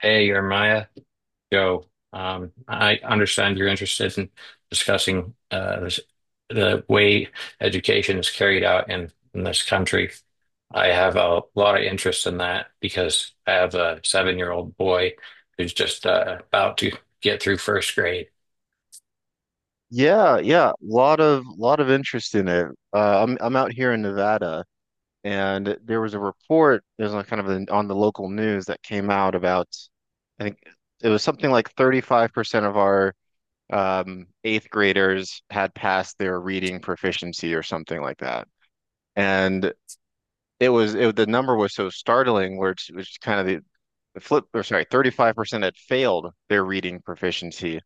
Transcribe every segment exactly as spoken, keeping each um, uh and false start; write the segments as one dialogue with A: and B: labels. A: Hey, Jeremiah, Joe. Um, I understand you're interested in discussing uh, this, the way education is carried out in, in this country. I have a lot of interest in that because I have a seven-year-old boy who's just uh, about to get through first grade.
B: Yeah, yeah, lot of lot of interest in it. Uh, I'm I'm out here in Nevada, and there was a report. There's a kind of an, on the local news that came out about, I think it was something like thirty-five percent of our um, eighth graders had passed their reading proficiency or something like that, and it was it the number was so startling, where it's, which kind of the, the flip or sorry, thirty-five percent had failed their reading proficiency,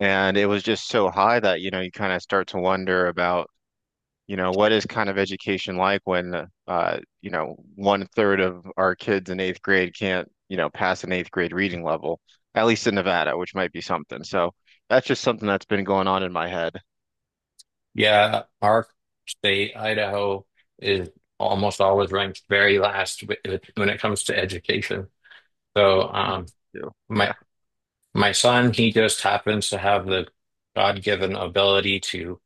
B: and it was just so high that you know you kind of start to wonder about you know, what is kind of education like when, uh, you know, one third of our kids in eighth grade can't, you know, pass an eighth grade reading level, at least in Nevada, which might be something. So that's just something that's been going on in my head
A: Yeah, our state, Idaho, is almost always ranked very last wi- when it comes to education. So, um,
B: too.
A: my
B: Yeah.
A: My son, he just happens to have the God-given ability to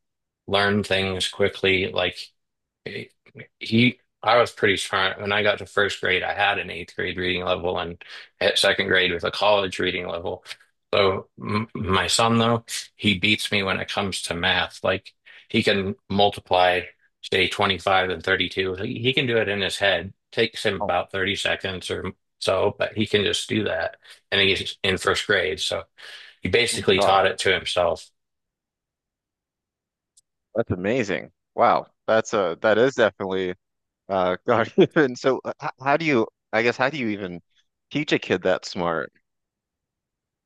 A: learn things quickly. Like eh, he, I was pretty smart. When I got to first grade, I had an eighth grade reading level and at second grade with a college reading level. So m my son, though, he beats me when it comes to math. Like he can multiply, say, twenty-five and thirty-two. He, he can do it in his head. Takes him
B: Oh,
A: about thirty seconds or so, but he can just do that. And he's in first grade. So he basically
B: gosh.
A: taught it to himself.
B: That's amazing. Wow. That's a, that is definitely, uh, God given. So uh, h- how do you, I guess, how do you even teach a kid that smart?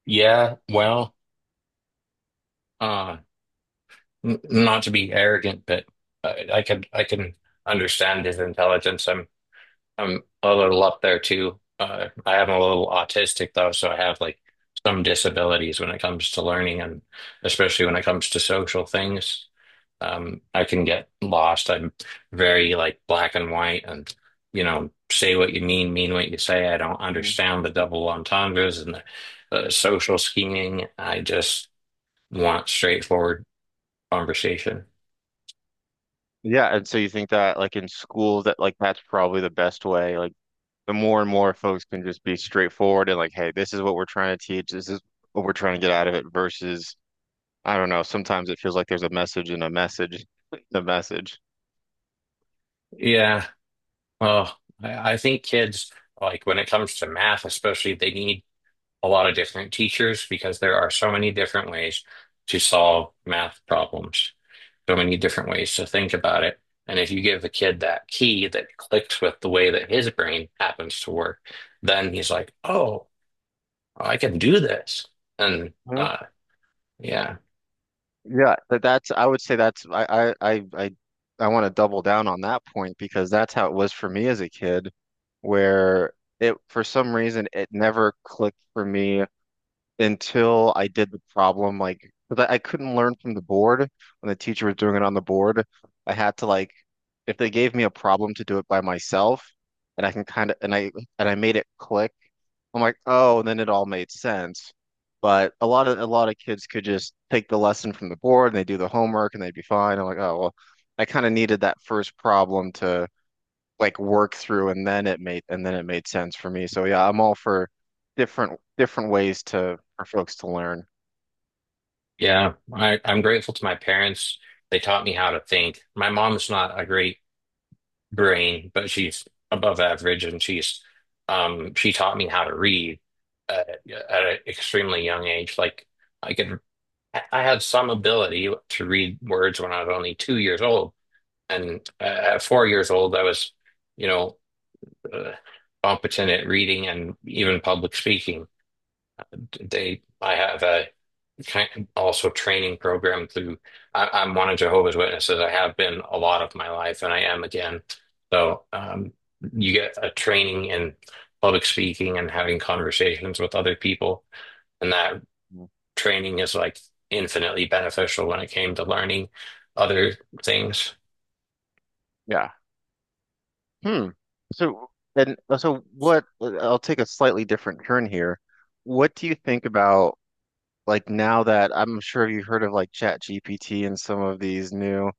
A: Yeah, well, uh, n not to be arrogant, but I, I could I can understand his intelligence. I'm I'm a little up there too. Uh, I am a little autistic though, so I have like some disabilities when it comes to learning and especially when it comes to social things. Um, I can get lost. I'm very like black and white and, you know, say what you mean, mean what you say. I don't
B: Mhm.
A: understand the double entendres and the, the social scheming. I just want straightforward conversation.
B: Yeah. And so you think that like in school that like that's probably the best way, like the more and more folks can just be straightforward and like, hey, this is what we're trying to teach. This is what we're trying to get out of it versus, I don't know, sometimes it feels like there's a message in a message, the message.
A: Yeah. Well, I, I think kids, like when it comes to math, especially, they need a lot of different teachers because there are so many different ways to solve math problems, so many different ways to think about it. And if you give a kid that key that clicks with the way that his brain happens to work, then he's like, oh, I can do this. And
B: Mhm.
A: uh, Yeah,
B: Yeah, but that's, I would say that's, I, I, I, I, I want to double down on that point because that's how it was for me as a kid, where it, for some reason, it never clicked for me until I did the problem, like, because I, I couldn't learn from the board when the teacher was doing it on the board. I had to like, if they gave me a problem to do it by myself, and I can kind of, and I and I made it click. I'm like, oh, and then it all made sense. But a lot of a lot of kids could just take the lesson from the board and they do the homework and they'd be fine. I'm like, oh well, I kind of needed that first problem to like work through and then it made and then it made sense for me. So yeah, I'm all for different different ways to for folks to learn.
A: yeah, I, I'm grateful to my parents. They taught me how to think. My mom's not a great brain, but she's above average, and she's um she taught me how to read at, at an extremely young age. Like I could, I I had some ability to read words when I was only two years old, and uh, at four years old, I was, you know, uh, competent at reading and even public speaking. They, I have a kind also training program through I, I'm one of Jehovah's Witnesses. I have been a lot of my life and I am again. So um, you get a training in public speaking and having conversations with other people. And that
B: Mhm.
A: training is like infinitely beneficial when it came to learning other things.
B: Yeah. Hmm. So and so what uh, I'll take a slightly different turn here. What do you think about like now that I'm sure you've heard of like Chat G P T and some of these new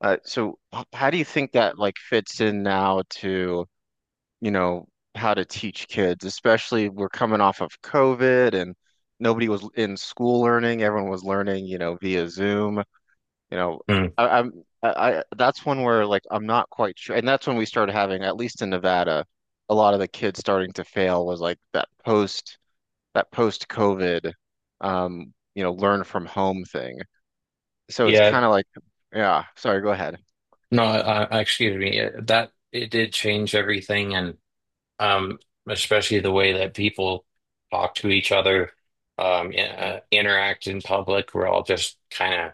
B: uh so h- how do you think that like fits in now to you know, how to teach kids, especially we're coming off of COVID and nobody was in school learning. Everyone was learning, you know, via Zoom. You know,
A: Hmm.
B: I, I'm I, I that's one where like I'm not quite sure. And that's when we started having, at least in Nevada, a lot of the kids starting to fail was like that post that post COVID um, you know, learn from home thing. So it's
A: Yeah,
B: kind of like, yeah, sorry, go ahead.
A: no, I, I, excuse me. That it did change everything, and um, especially the way that people talk to each other, um, i-
B: Mhm.
A: uh, interact in public. We're all just kind of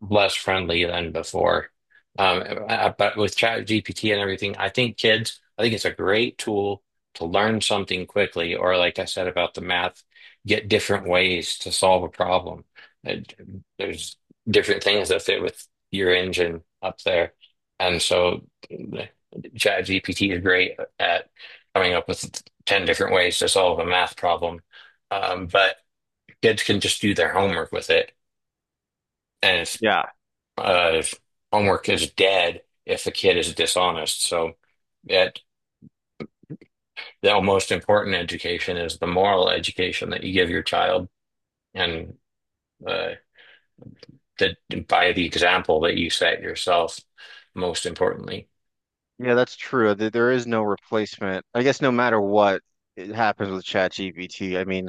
A: less friendly than before. Um, uh, but with ChatGPT and everything, I think kids, I think it's a great tool to learn something quickly, or like I said about the math, get different ways to solve a problem. Uh, There's different things that fit with your engine up there. And so the- ChatGPT is great at coming up with ten different ways to solve a math problem. Um, but kids can just do their homework with it. And it's
B: Yeah.
A: uh, If homework is dead if the kid is dishonest. So that the most important education is the moral education that you give your child and uh, that, by the example that you set yourself, most importantly.
B: Yeah, that's true. There there is no replacement. I guess no matter what it happens with ChatGPT, I mean,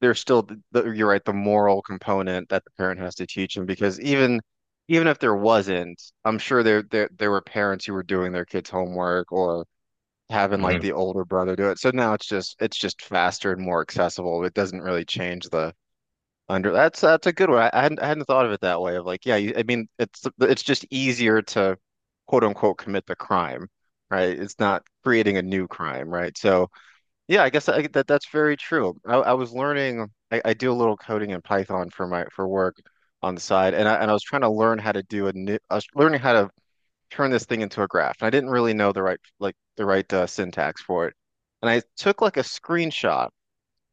B: there's still the, the, you're right, the moral component that the parent has to teach them because even even if there wasn't, I'm sure there there there were parents who were doing their kids' homework or having like
A: Mhm.
B: the older brother do it. So now it's just it's just faster and more accessible. It doesn't really change the under that's that's a good one. I, I hadn't I hadn't thought of it that way. Of like, yeah, you, I mean, it's it's just easier to quote unquote commit the crime, right? It's not creating a new crime, right? So yeah, I guess I, that that's very true. I, I was learning. I, I do a little coding in Python for my for work on the side, and I and I was trying to learn how to do a new. I was learning how to turn this thing into a graph, and I didn't really know the right like the right uh, syntax for it. And I took like a screenshot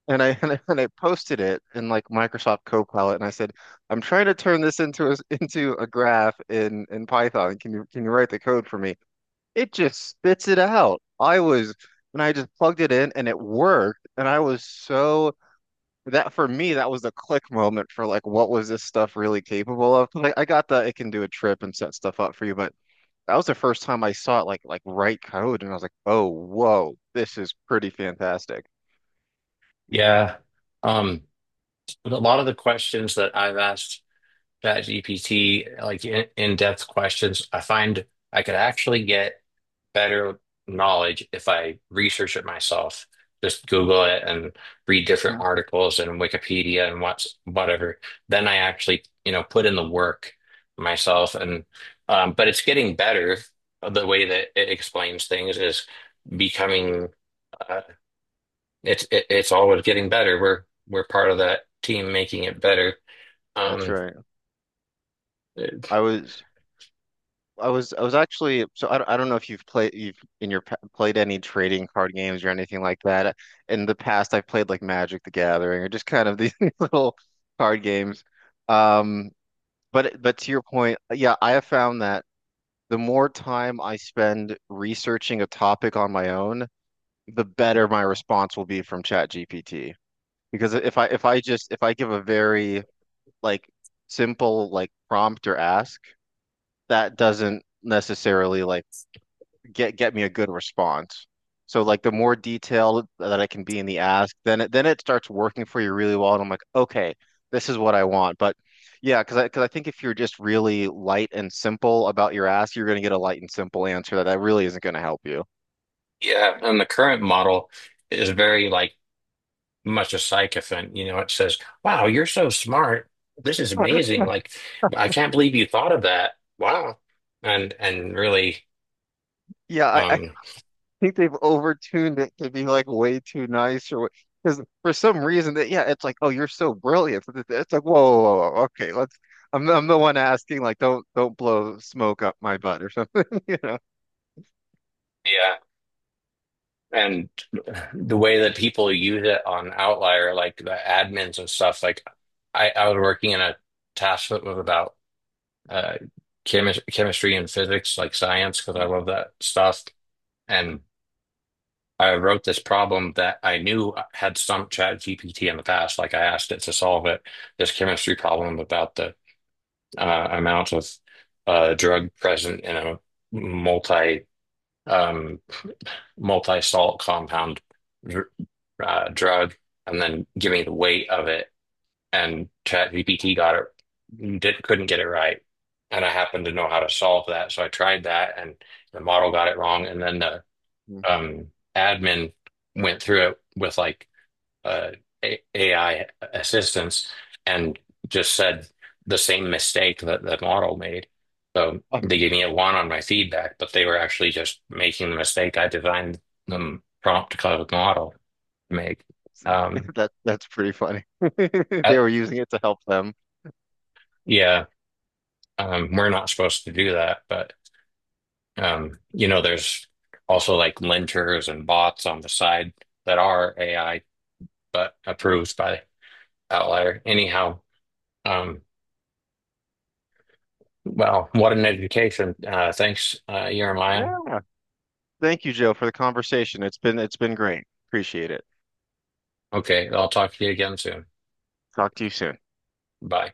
B: and I, and I and I posted it in like Microsoft Copilot, and I said, "I'm trying to turn this into a into a graph in in Python. Can you can you write the code for me?" It just spits it out. I was and I just plugged it in, and it worked. And I was so that for me that was the click moment for like what was this stuff really capable of? Like I got the it can do a trip and set stuff up for you, but that was the first time I saw it like like write code, and I was like, "Oh, whoa, this is pretty fantastic."
A: Yeah. Um, but a lot of the questions that I've asked ChatGPT, like in, in-depth questions, I find I could actually get better knowledge if I research it myself. Just Google it and read different
B: Mhm.
A: articles and Wikipedia and what's whatever. Then I actually, you know, put in the work myself. And um, but it's getting better. The way that it explains things is becoming. Uh, it's it, it's always getting better. We're we're part of that team making it better.
B: That's
A: Um,
B: right. I was I was I was actually so I, don't- I don't know if you've played you've in your pa- played any trading card games or anything like that. In the past, I've played like Magic the Gathering or just kind of these little card games. Um, but but to your point, yeah, I have found that the more time I spend researching a topic on my own, the better my response will be from ChatGPT. Because if I if I just if I give a very like simple like prompt or ask, that doesn't necessarily like get get me a good response. So like the more detailed that I can be in the ask, then it then it starts working for you really well, and I'm like, okay, this is what I want. But yeah, because I because I think if you're just really light and simple about your ask, you're gonna get a light and simple answer that that really isn't gonna help you.
A: yeah, and the current model is very like much a sycophant. You know, it says, "Wow, you're so smart. This is amazing. Like, I can't believe you thought of that. Wow." And and really,
B: Yeah, I, I
A: um,
B: think they've overtuned it to be like way too nice or because for some reason that yeah, it's like oh you're so brilliant. It's it's like whoa, whoa, whoa, whoa, okay, let's. I'm I'm the one asking like don't don't blow smoke up my butt or something, you know.
A: yeah. And the way that people use it on Outlier, like the admins and stuff, like I, I was working in a task that was about uh, chemi chemistry and physics, like science, because I
B: Mhm,
A: love that stuff. And I wrote this problem that I knew had some chat G P T in the past. Like I asked it to solve it, this chemistry problem about the uh, amount of uh, drug present in a multi um, multi-salt compound dr uh, drug, and then give me the weight of it. And chat G P T got it, did, couldn't get it right. And I happened to know how to solve that, so I tried that, and the model got it wrong. And then the
B: mhm.
A: um, admin went through it with like uh, A I assistants and just said the same mistake that the model made. So
B: Um,
A: they gave me a one on my feedback, but they were actually just making the mistake I designed them prompt cloud model to make. Um,
B: That that's pretty funny.
A: uh,
B: They were using it to help them.
A: yeah, um, we're not supposed to do that, but um, you know, there's also like linters and bots on the side that are A I, but
B: Yeah.
A: approved by Outlier. Anyhow, um, wow, what an education. Uh, thanks, uh, Jeremiah.
B: Yeah. Thank you, Joe, for the conversation. It's been it's been great. Appreciate it.
A: Okay, I'll talk to you again soon.
B: Talk to you soon.
A: Bye.